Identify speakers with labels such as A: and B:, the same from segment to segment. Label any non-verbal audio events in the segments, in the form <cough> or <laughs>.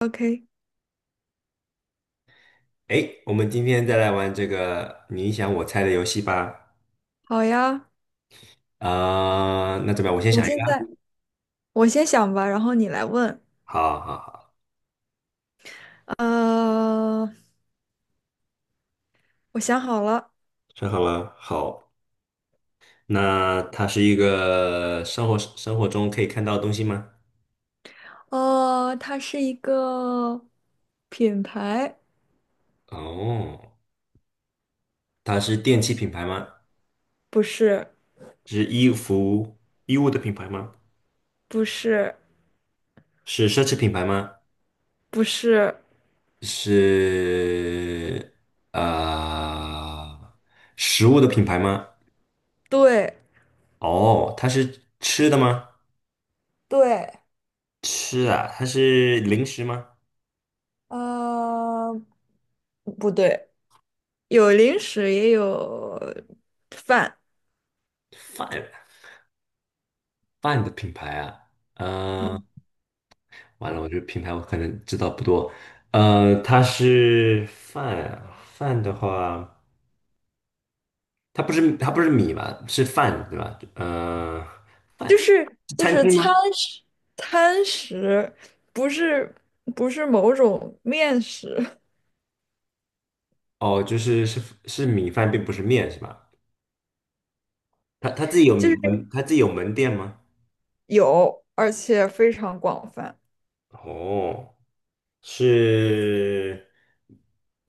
A: OK，
B: 诶，我们今天再来玩这个你想我猜的游戏吧。
A: 好呀，
B: 那怎么样？我先
A: 我
B: 想一个
A: 现在
B: 啊。
A: 我先想吧，然后你来问。
B: 好好好，
A: 呃，我想好了，
B: 说好了。好，那它是一个生活中可以看到的东西吗？
A: 它是一个品牌。
B: 哦，它是电器品牌吗？
A: 不是，
B: 是衣服衣物的品牌吗？
A: 不是，
B: 是奢侈品牌吗？
A: 不是。
B: 是呃食物的品牌吗？
A: 对。
B: 哦，它是吃的吗？
A: 对。
B: 吃啊，它是零食吗？
A: 呃，不对，有零食也有饭。
B: 饭饭的品牌啊，
A: 嗯，
B: 呃，完了，我这个品牌我可能知道不多。它是饭啊，饭的话，它不是米吧，是饭对吧？饭
A: 就是
B: 是
A: 就
B: 餐
A: 是
B: 厅
A: 餐
B: 吗？
A: 食，餐食，不是不是某种面食。
B: 哦，就是是米饭，并不是面是吧？它自己有
A: <laughs> 就
B: 门，
A: 是。
B: 它自己有门店吗？
A: 有，而且非常广泛。
B: 哦，是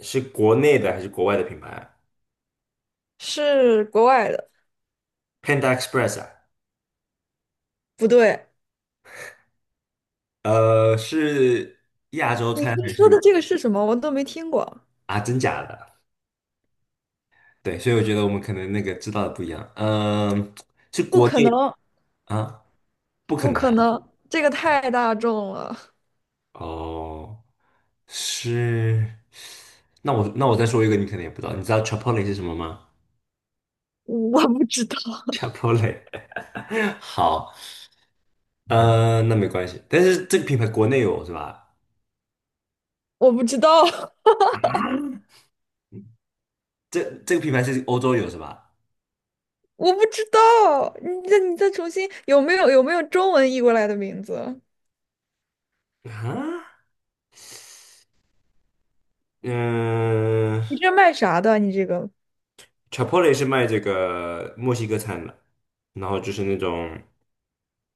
B: 是国内的还是国外的品牌？
A: 是国外的。
B: p a n d a Express 啊？
A: 不对，
B: 是亚洲
A: 你
B: 餐
A: 你
B: 还
A: 说
B: 是？
A: 的这个是什么？我都没听过。
B: 啊，真假的？对，所以我觉得我们可能那个知道的不一样。嗯，是
A: 不
B: 国
A: 可能，
B: 内啊，不可
A: 不
B: 能。
A: 可能，这个太大众了。
B: 哦，是。那我再说一个，你可能也不知道。你知道 c h i p o l i 是什么吗？
A: 我不知道，
B: c h i p o l i。 <laughs> 好，那没关系。但是这个品牌国内有是吧？
A: 我不知道，<laughs>
B: 这这个品牌是欧洲有是吧？
A: 我不知道。你再重新，有没有中文译过来的名字？
B: 啊，嗯、
A: 你这卖啥的？你这个
B: c h i p o l e 是卖这个墨西哥餐的，然后就是那种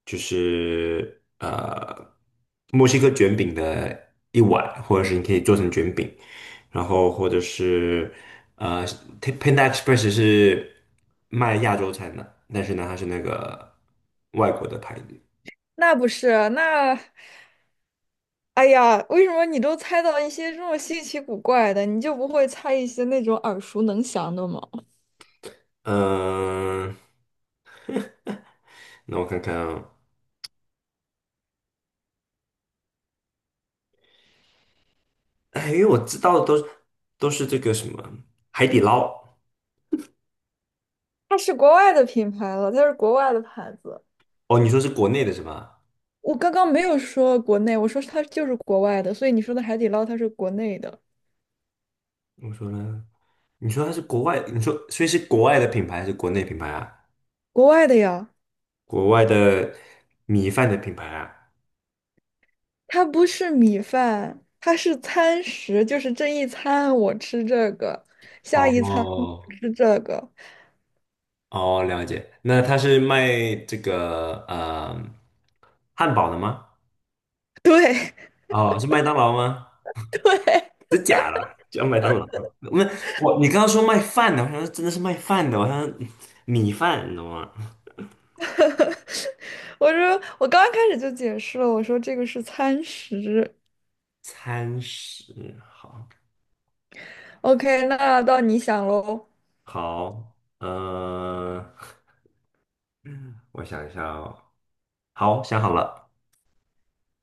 B: 就是呃墨西哥卷饼的一碗，或者是你可以做成卷饼，然后或者是呃 Panda Express 是卖亚洲餐的，但是呢它是那个外国的牌子。
A: 那不是那？哎呀，为什么你都猜到一些这么稀奇古怪的，你就不会猜一些那种耳熟能详的吗？
B: 嗯、那我看看啊。哎，因为我知道的都是这个什么海底捞。
A: 它是国外的品牌了，它是国外的牌子。
B: 哦，你说是国内的是吧？
A: 我刚刚没有说国内，我说它就是国外的，所以你说的海底捞它是国内的。
B: 我说呢。你说它是国外，你说所以是国外的品牌还是国内品牌啊？
A: 国外的呀，
B: 国外的米饭的品牌啊？
A: 它不是米饭，它是餐食，就是这一餐我吃这个，下一餐我
B: 哦，
A: 吃这个。
B: 哦，了解。那它是卖这个汉堡的吗？
A: 对，
B: 哦，是麦当劳吗？叫麦当劳。那我你刚刚说卖饭的，我想说真的是卖饭的，我想说米饭，你懂吗？
A: <laughs> 我说我刚刚开始就解释了，我说这个是餐食。
B: 餐食，好。
A: OK，那到你想喽。
B: 好，嗯，<laughs> 我想一下哦。好，想好了。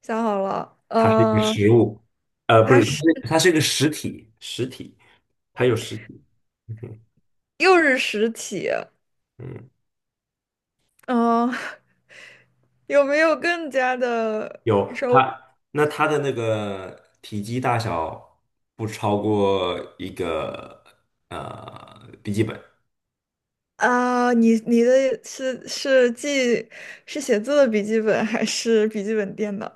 A: 想好了，
B: 它是一个实物。不
A: 它
B: 是，
A: 是
B: 它是一个实体，实体，它有实体。嗯。
A: 又是实体。
B: 嗯，
A: 嗯、<laughs> 有没有更加的
B: 有
A: 说
B: 它，那它的那个体积大小不超过一个笔记本。
A: 啊？你的是记是写字的笔记本还是笔记本电脑？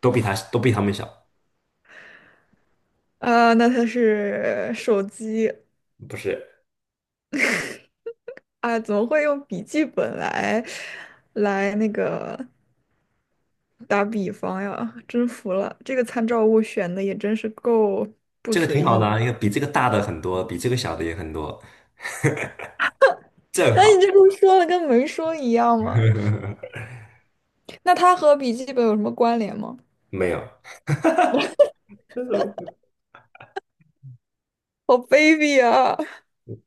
B: 都比它们小。
A: 啊，那它是手机
B: 不是。
A: 啊？怎么会用笔记本来来那个打比方呀？真服了，这个参照物选的也真是够。
B: 这个挺好的啊，因为比这个大的很多，比这个小的也很多，正
A: 那你
B: 好。
A: 这不是说了跟没说一样吗？
B: <laughs>
A: 那它和笔记本有什么关联吗？
B: 没有。这怎么会。
A: 好卑鄙啊！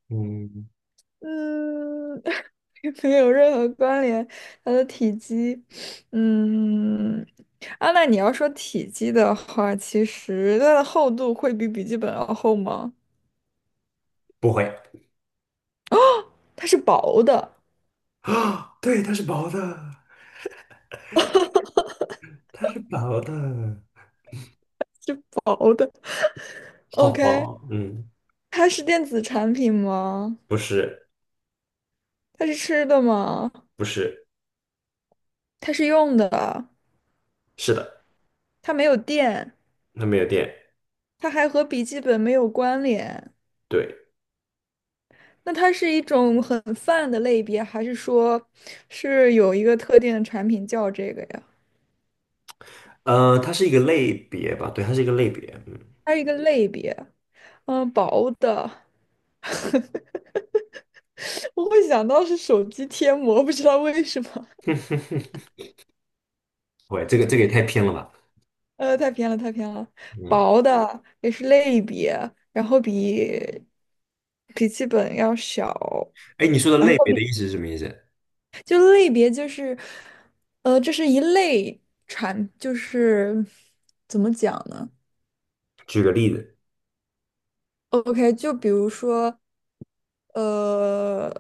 B: 嗯，
A: 嗯，<laughs> 没有任何关联。它的体积，嗯，啊，那你要说体积的话，其实它的厚度会比笔记本要厚吗？
B: 不会
A: 它是薄的，
B: 啊，<gasps> 对，它是薄的，它是薄的。
A: 薄的。
B: 好
A: OK，
B: 薄，嗯。
A: 它是电子产品吗？
B: 不是。
A: 它是吃的吗？
B: 不是。
A: 它是用的，
B: 是的。
A: 它没有电，
B: 它没有电。
A: 它还和笔记本没有关联。
B: 对。
A: 那它是一种很泛的类别，还是说是有一个特定的产品叫这个呀？
B: 它是一个类别吧？对，它是一个类别。嗯。
A: 还有一个类别，嗯，薄的，<laughs> 我会想到是手机贴膜，不知道为什么。
B: <laughs> 喂，这个这个也太偏了吧？
A: 太偏了，太偏了。
B: 嗯。
A: 薄的也是类别，然后比笔记本要小，
B: 哎，你说的
A: 然
B: 类
A: 后
B: 别的意思是什么意思？
A: 就类别就是，这是一类产，就是怎么讲呢
B: 举个例子。
A: ？OK，就比如说，呃，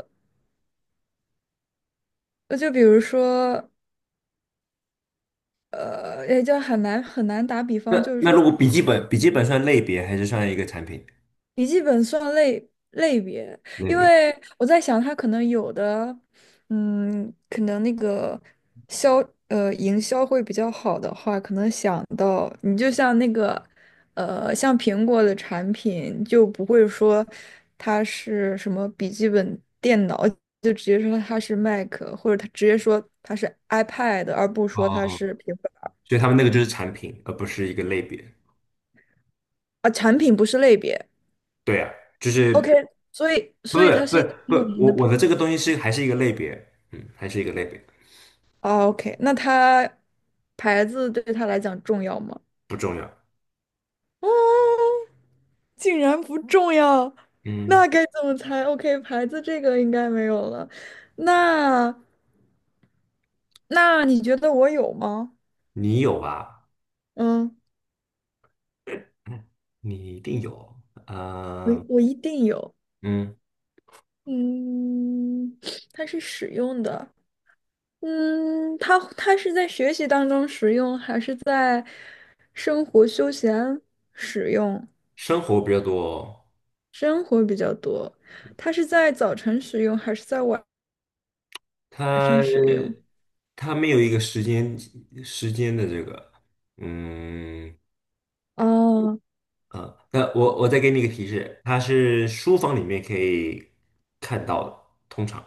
A: 就比如说，也就很难很难打比方，
B: 那
A: 就是
B: 那
A: 说。
B: 如果笔记本算类别还是算一个产品？
A: 笔记本算类别，
B: 类
A: 因
B: 别。
A: 为我在想，它可能有的，嗯，可能那个销营销会比较好的话，可能想到你就像那个像苹果的产品就不会说它是什么笔记本电脑，就直接说它是 Mac，或者它直接说它是 iPad，而不说它
B: 哦，
A: 是平板儿
B: 所以他们那个就是产品，而不是一个类别。
A: 啊，产品不是类别。
B: 对啊，就
A: OK，
B: 是
A: 所以所以它是一个
B: 不
A: 很有
B: 是，
A: 名
B: 我
A: 的
B: 我
A: 牌。
B: 的这
A: 子。
B: 个东西是还是一个类别，嗯，还是一个类别。
A: 哦，OK，那他牌子对他来讲重要吗？
B: 不重要。
A: 啊，竟然不重要，
B: 嗯，
A: 那该怎么猜？OK，牌子这个应该没有了。那那你觉得我有吗？
B: 你有吧？
A: 嗯，
B: 你一定有，
A: 我
B: 啊。
A: 我一定有。
B: 嗯，
A: 嗯，它是使用的。嗯，它是在学习当中使用，还是在生活休闲使用？
B: 生活比较多。
A: 生活比较多。它是在早晨使用还是在晚上使
B: 他
A: 用？
B: 他没有一个时间的这个，嗯。
A: 哦，
B: 那我再给你一个提示，它是书房里面可以看到的，通常。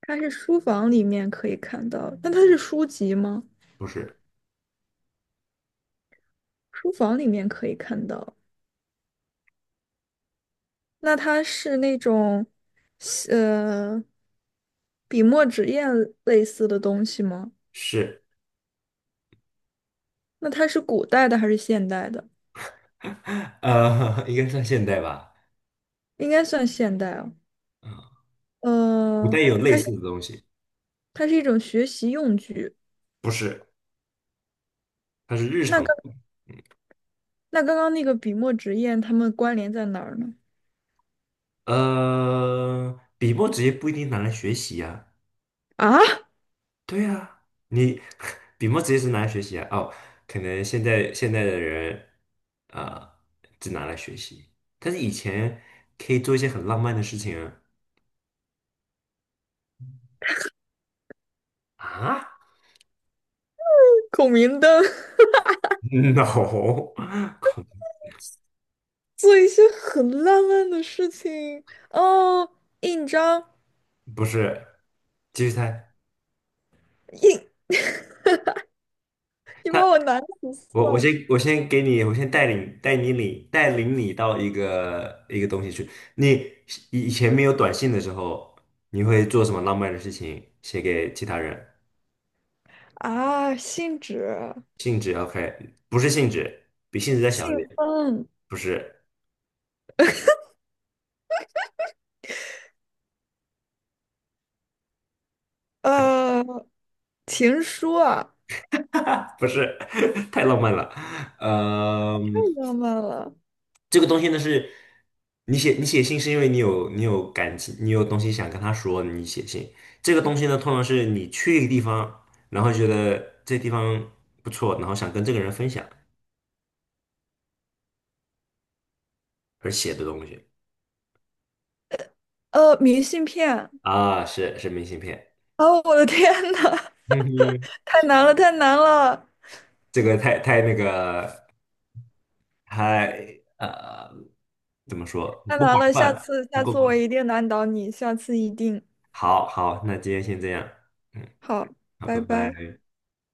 A: 它是书房里面可以看到，那它是书籍吗？
B: 不是。
A: 书房里面可以看到，那它是那种，呃，笔墨纸砚类似的东西吗？
B: 是。
A: 那它是古代的还是现代的？
B: <laughs> 应该算现代吧。
A: 应该算现代哦。
B: 古代
A: 呃，
B: 有类
A: 它
B: 似的
A: 是
B: 东西。
A: 它是一种学习用具。
B: 不是，它是日
A: 那
B: 常的。
A: 刚那刚刚那个笔墨纸砚，它们关联在哪儿呢？
B: 笔墨纸也不一定拿来学习呀、
A: 啊？
B: 对啊。你 <laughs> 笔墨直接是拿来学习啊？哦，可能现在的人啊、只拿来学习，但是以前可以做一些很浪漫的事情啊。啊
A: 孔明灯，
B: <laughs> No。恐，
A: <laughs> 做一些很浪漫的事情哦。印章，
B: 不是，继续猜。
A: 印，你
B: 那
A: 把我难死
B: 我我
A: 算了
B: 先我先给你，我先带领你到一个一个东西去。你以前没有短信的时候，你会做什么浪漫的事情写给其他人？
A: 啊！信纸、
B: 性质 OK,不是性质，比性质再小
A: 信
B: 一点。
A: 封，
B: 不是。<laughs>
A: 呃，情书啊，
B: 不是，<laughs> 太浪漫了。嗯。
A: 太浪漫了。
B: 这个东西呢是，你写信是因为你有感情，你有东西想跟他说，你写信。这个东西呢，通常是你去一个地方，然后觉得这地方不错，然后想跟这个人分享而写的东西。
A: 明信片，
B: 啊，是是明信片。
A: 哦，我的天呐，
B: 嗯哼。
A: <laughs> 太难了，太难了，
B: 这个太太那个。太呃，怎么说？
A: 太
B: 不
A: 难
B: 广
A: 了！下
B: 泛，
A: 次，
B: 不
A: 下
B: 够
A: 次我
B: 广。
A: 一定难倒你，下次一定。
B: 好好，那今天先这样，嗯。
A: 好，
B: 好，
A: 拜
B: 拜
A: 拜。
B: 拜。